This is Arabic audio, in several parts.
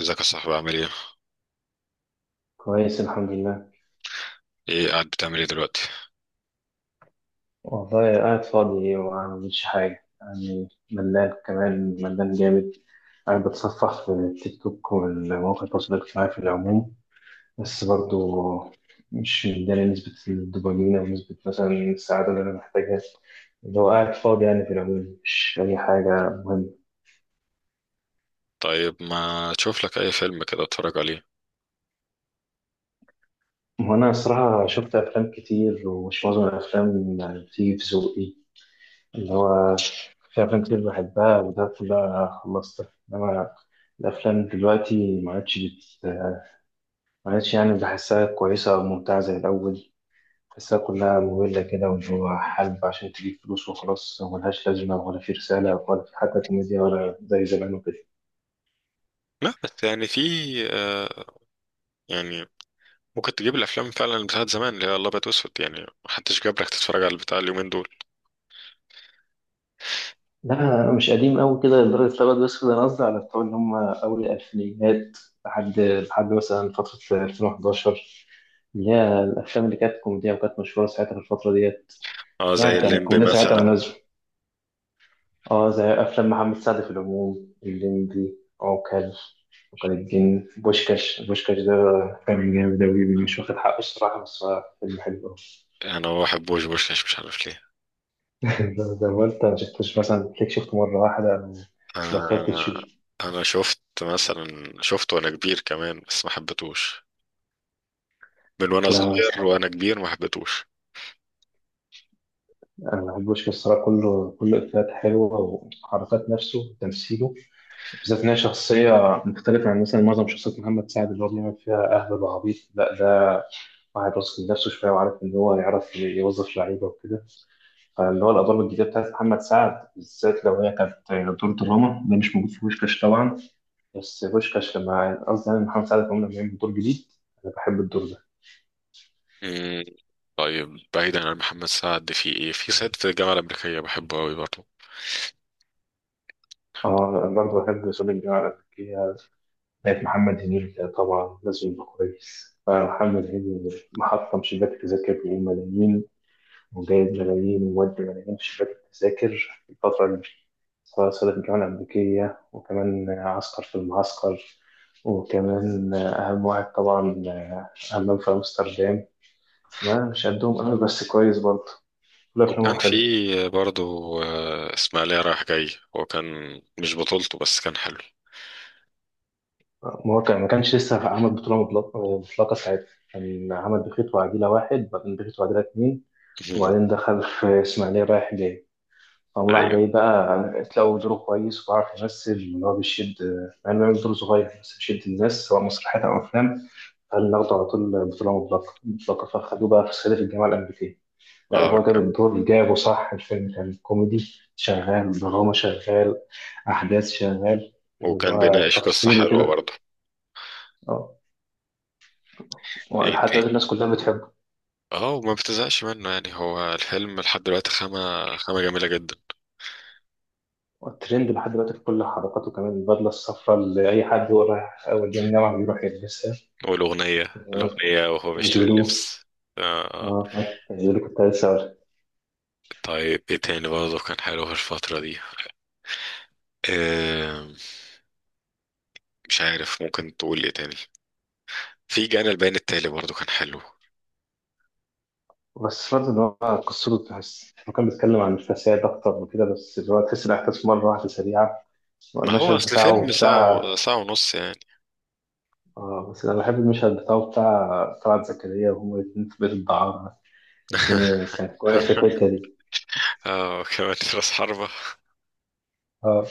ازيك يا صاحبي؟ عامل ايه؟ كويس، الحمد لله. ايه، قاعد بتعمل ايه دلوقتي؟ والله قاعد فاضي وما بعملش حاجة، يعني ملان، كمان ملان جامد. قاعد بتصفح في التيك توك والمواقع التواصل الاجتماعي في العموم، بس برضو مش مداني نسبة الدوبامين أو نسبة مثلا السعادة اللي أنا محتاجها. اللي هو قاعد فاضي يعني، في العموم مش أي حاجة مهمة. طيب، ما تشوف لك اي فيلم كده اتفرج عليه. وأنا الصراحة شفت أفلام كتير، ومش معظم الأفلام يعني بتيجي في ذوقي. اللي هو في أفلام كتير بحبها وده بقى خلصتها، إنما الأفلام دلوقتي ما عادش يعني بحسها كويسة أو ممتعة زي الأول. بحسها كلها مملة كده، واللي هو حلب عشان تجيب فلوس وخلاص، ملهاش لازمة، ولا في رسالة، ولا في حتى كوميديا ولا زي زمان وكده. لا بس يعني في، آه يعني ممكن تجيب الافلام فعلا اللي بتاعت زمان، اللي هي الابيض واسود، يعني محدش جاب لك تتفرج على البتاع اليومين دول. لا، أنا مش قديم أوي كده لدرجة الأبيض، بس ده أنا قصدي على بتوع اللي هم أول الألفينيات. لحد مثلا فترة 2011، اللي هي الأفلام اللي كانت كوميدية وكانت مشهورة ساعتها في الفترة ديت. اه، زي يعني كانت الليمبي الكوميديا ساعتها مثلا. مناسبة. اه، زي افلام محمد سعد في العموم، الليمبي، عوكل، عوكل الدين، بوشكاش ده كان جامد أوي، مش واخد حقه الصراحة، بس هو فيلم حلو أوي. انا ما بحبوش بوشكاش، مش عارف ليه. ده وأنت ما شفتوش مثلا، تلاقيك شفته مرة واحدة أو بطلت تشوف؟ انا انا شفت، مثلا شفته وانا كبير كمان بس ما حبيتهوش، من وانا لا صغير صعب، وانا كبير ما حبيتهوش. أنا بحب بوشكاش الصراحة، كله كله إفيهات حلوة، وحركات نفسه وتمثيله. بالذات إن هي شخصية مختلفة عن مثلا معظم شخصيات محمد سعد اللي هو بيعمل فيها أهبل وعبيط، لا ده واحد واثق من نفسه شوية وعارف إن هو يعرف يوظف لعيبة وكده. فاللي هو الادوار الجديده بتاعت محمد سعد، بالذات لو هي كانت دور دراما، ده مش موجود في بوشكاش طبعا. بس بوشكاش لما قصدي يعني محمد سعد كمان لما يعمل دور جديد، انا بحب الدور ده. مم. طيب، بعيدا عن محمد سعد، في ايه؟ في صعيدي في الجامعه الامريكيه، بحبه قوي برضه. اه، انا برضه بحب صليب الجامعه الامريكيه بتاعت محمد هنيدي. طبعا لازم يبقى كويس، فمحمد هنيدي محطم شباك تذاكر بملايين، وجايب ملايين ومودي ملايين في شباك التذاكر في الفترة اللي مشيت، سواء صعد الجامعة الأمريكية، وكمان عسكر في المعسكر، وكمان أهم واحد طبعا، أمام في أمستردام. ما مش قدهم أنا، بس كويس برضه، كل وكان أفلامهم حلو. في برضو إسماعيلية رايح جاي. هو كان مش بطولته بس كان حلو. مواقع ما كانش لسه عمل بطولة مطلقة مطلقة ساعتها، كان عمل بخيت وعديلة واحد، بعدين بخيت وعديلة اتنين، وبعدين دخل في إسماعيلية رايح جاي. هو راح أيوة. جاي بقى لو دوره كويس وعارف يمثل، اللي هو بيشد، مع انه يعمل دور صغير بس بيشد الناس، سواء مسرحيات او افلام. قال ناخده على طول بطوله مطلقه مطلقه، فخدوه بقى في صعيدي في الجامعه الامريكيه. لا اه وهو جاب كان. الدور جابه صح، الفيلم كان كوميدي شغال، دراما شغال، احداث شغال، واللي وكان هو بيناقش قصة تفصيل حلوة وكده. برضه. اه، ايه لحد تاني؟ دلوقتي الناس كلها بتحبه. اه، وما بتزهقش منه، يعني هو الفيلم لحد دلوقتي خامة، خامة جميلة جدا. الترند لحد دلوقتي في كل حركاته، كمان البدله الصفراء اللي اي حد هو رايح اول يوم جامعه بيروح يلبسها. والأغنية. آه، الأغنية وهو بيشتري كاجولو. اللبس. آه. آه. اه عارف، دي اللي كنت عايز اقول. طيب، ايه تاني برضه كان حلو في الفترة دي؟ آه مش عارف، ممكن تقول ايه تاني. في جانا البيان التالي برضه كان حلو. بس برضه ان هو قصته، تحس هو كان بيتكلم عن الفساد اكتر وكده، بس اللي هو تحس الاحداث مره واحده سريعه. ما هو المشهد أصل فيلم بتاعه ساعة، بتاع، ساعة ونص يعني. اه بس انا بحب المشهد بتاعه بتاع طلعت زكريا وهما الاتنين في بيت الدعارة. الفيلم كان كويس في الحته دي. اه كمان، راس حربة. اه،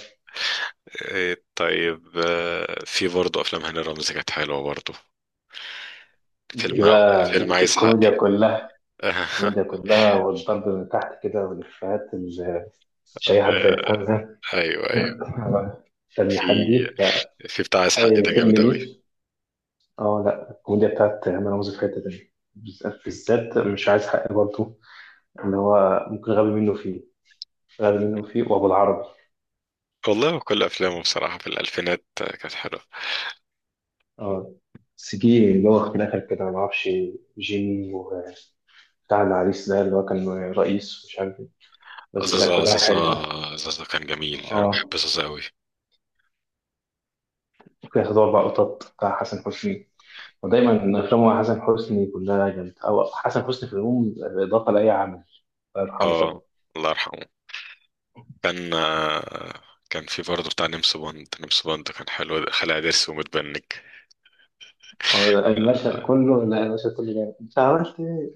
إيه، طيب، في برضه افلام هاني رمزي كانت حلوة برضه. فيلم، دي عايز حقي. الكوميديا كلها، آه. الكوميديا كلها والضرب من تحت كده، والإفيهات اللي مش أي حد يفهمها. ايوه ايوه. فيلم في حدي، لا في بتاع عايز حقي ده أي فيلم جامد قوي. ليه. اه لا، الكوميديا بتاعت هنا رمزي في حتة تانية، بالذات، مش عايز حق برضه، اللي هو ممكن غبي منه فيه، غبي منه فيه، وأبو العربي. والله كل افلامه بصراحة في الالفينات كانت حلوة. اه بس جه اللي هو في الآخر كده، معرفش، جيمي، وبتاع العريس ده اللي هو كان رئيس مش عارف ايه، بس لا زازا، كلها زازا. حلوة. زازا كان جميل، انا اه بحب زازا قوي. ممكن ياخد أربع قطط بتاع حسن حسني، ودايما أفلام حسن حسني كلها جامدة، أو حسن حسني في العموم إضافة لأي عمل، الله يرحمه طبعا. اه، الله يرحمه. كان آه، كان في برضه بتاع نمس بوند. نمس بوند كان حلو، خلع ضرس ومتبنج. المشهد كله، لا المشهد كله جامد، انت عملت ايه؟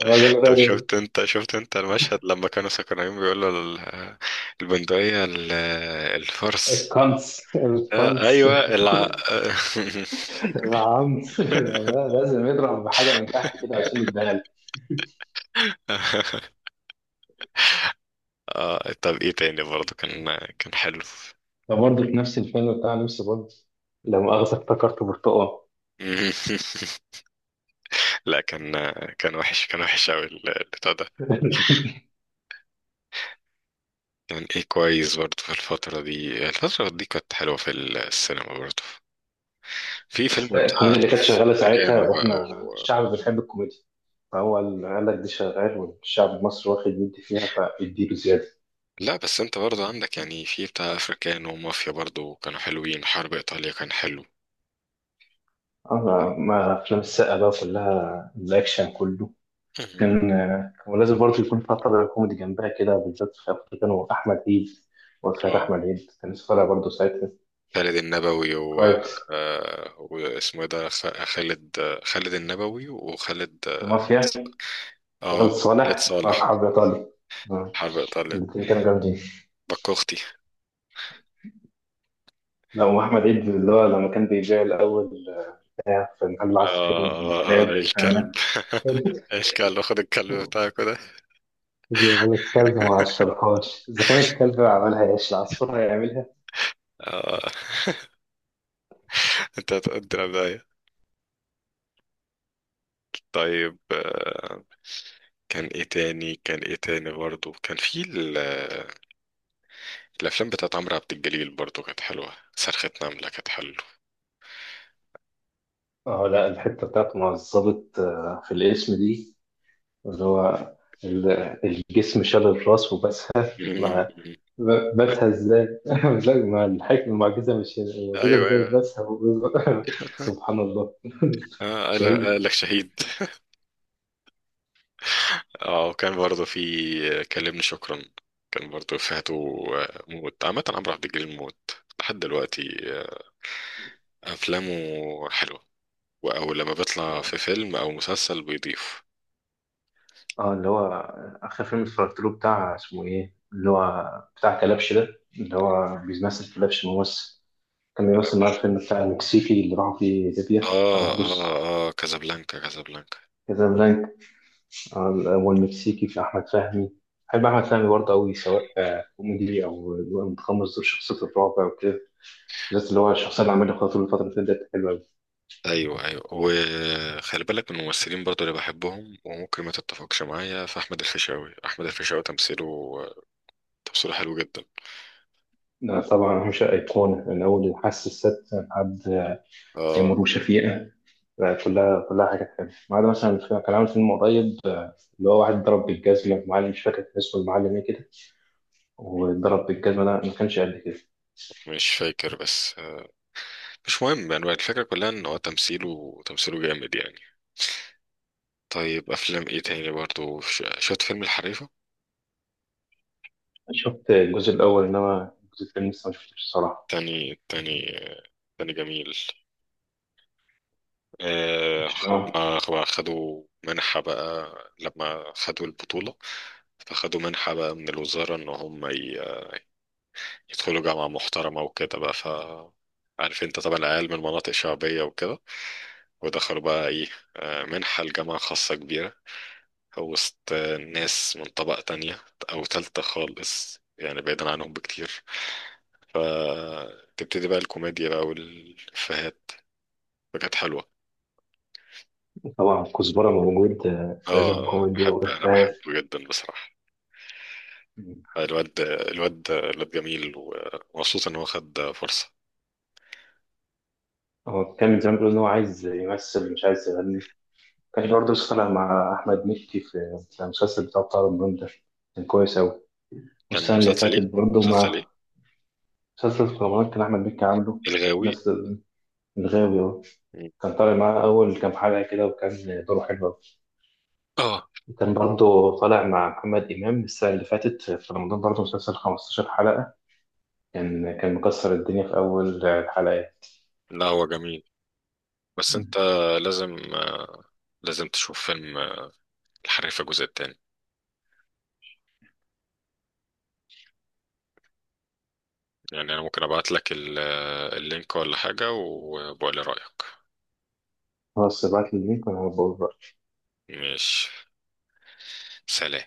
الراجل طب غير. شفت انت، المشهد لما كانوا سكرانين بيقولوا البندقية، الفرس. الكنس، آه الكنس، ايوه العنس. لازم يضرب بحاجة من تحت كده عشان يتدهل. آه، طب ايه تاني برضه كان حلو. ده برضه في نفس الفيلم بتاع نفس برضه، لا مؤاخذة افتكرت برتقال. لا كان، كان وحش، كان وحش قوي البتاع ده. كان ايه كويس برضه في الفترة دي، الفترة دي كانت حلوة في السينما برضه. في فيلم بتاع الكوميديا اللي كانت شغالة ساعتها، افريكانو بقى. واحنا الشعب بنحب الكوميديا، فهو اللي قال لك دي شغال، والشعب المصري واخد يدي فيها، فيديله زيادة. لا بس انت برضه عندك يعني في بتاع افريكانو ومافيا برضه، كانوا حلوين. حرب ايطاليا كان حلو. أنا ما أفلام السقا بقى كلها الأكشن كله. مهم. كان لازم برضه يكون فترة كوميدي جنبها كده، بالذات في أفريقيا كانوا أحمد عيد، وفرح اه، أحمد عيد كان لسه طالع برضه ساعتها. خالد النبوي و، كويس، واسمه ايه ده، خالد. خالد النبوي، وخالد في مافيا، آه، خالد خالد صالح في صالح. أصحاب إيطالي، حرب ايطاليا، الاثنين كانوا جامدين. بكوختي. لا وأحمد عيد اللي هو لما كان بيبيع الأول بتاع في محل العصافير والكلاب. الكلب. أنا الكلب، خد الكلب بتاعك ده. بيقول لك الكلب ما عشرهاش، إذا كان الكلب عملها إيش، العصفور هيعملها؟ اه، انت هتقدر ده. طيب، كان ايه تاني؟ برضه كان في الافلام بتاعت عمرو عبد الجليل برضو كانت حلوه. صرخة نملة كانت حلوه. اه لا، الحتة بتاعت مع الظابط، في الاسم دي، اللي هو ال- الجسم شال الراس وبسها مع مم. بسها ازاي؟ لا مع الحكمة المعجزة، مش موجودة ايوه ازاي ايوه. بسها و-. سبحان الله. اه، قال شهيد. قال لك شهيد. اه، وكان برضو في كلمني شكرا. كان برضو افهاته. موت عامة، عمرو عبد الجليل موت لحد دلوقتي. افلامه حلوه، او لما بيطلع في فيلم او مسلسل بيضيف. اه اللي هو، آخر فيلم اتفرجت له بتاع اسمه ايه، اللي هو بتاع كلبش ده، اللي هو بيمثل كلبش ممثل، كان بيمثل معاه الفيلم بتاع المكسيكي اللي راحوا فيه ليبيا، اه طرابلس، اه كازابلانكا، كازابلانكا. كازابلانكا. والمكسيكي في أحمد فهمي. بحب أحمد فهمي برضه أوي، سواء كوميدي أو متقمص دور شخصية الرعب أو كده، بالذات اللي هو الشخصية اللي عملها خاطر الفترة اللي فاتت، حلوة أوي. ايوه ايوه، وخلي بالك من الممثلين برضو اللي بحبهم وممكن ما تتفقش معايا، في احمد الفيشاوي. احمد الفيشاوي تمثيله، تمثيله حلو جدا. طبعا أهم شيء، أيقونة من أول الحاسة السادسة لحد اه تيمور وشفيقة. كلها كلها حاجات حلوة، ما عدا مثلا كان عامل فيلم قريب، اللي هو واحد ضرب بالجزمة معلم، مش فاكر كان اسمه المعلم إيه كده، وضرب بالجزمة ده ما كانش قد كده. مش فاكر، بس مش مهم، يعني الفكره كلها ان هو تمثيله، تمثيله جامد يعني. طيب، افلام ايه تاني برضو؟ شفت فيلم الحريفه؟ شفت الجزء الأول، إنما الجزء الثاني لسه ما شفتوش الصراحة. تاني، تاني تاني جميل. آه، مش- آه. هما خدوا منحه بقى لما خدوا البطوله، فخدوا منحة بقى من الوزارة إن هم يدخلوا جامعة محترمة وكده بقى. ف، عارف انت طبعا العيال من مناطق شعبية وكده، ودخلوا بقى ايه، منحة لجامعة خاصة كبيرة، وسط ناس من طبقة تانية أو تالتة خالص، يعني بعيدا عنهم بكتير. فتبتدي بقى الكوميديا بقى والإفيهات، فكانت حلوة. طبعا كزبرة موجود، لازم اه، كوميديا أنا وإفيهات. بحبه جدا بصراحة. الواد، الواد جميل، ومبسوط إن هو خد فرصة. هو كان زمان بيقول إن هو عايز يمثل مش عايز يغني. كان مم. برضه لسه طالع مع أحمد مكي في المسلسل بتاع رمضان ده، كان كويس أوي. كان والسنة اللي مسلسل ايه؟ فاتت برضه مسلسل مع، ايه؟ مسلسل في رمضان كان أحمد مكي عامله، الغاوي. الناس، الغاوي أهو. مم. كان طالع معاه أول كام حلقة كده وكان دوره حلو أوي. اه، وكان برضه طالع مع محمد إمام السنة اللي فاتت في رمضان برضه مسلسل 15 حلقة، كان مكسر الدنيا في أول الحلقات. لا هو جميل، بس انت لازم، لازم تشوف فيلم الحريفة الجزء التاني. يعني انا ممكن ابعت لك اللينك ولا حاجة، وبقول لي رأيك. خلاص ابعت لي اللينك وانا هبقى مش، سلام.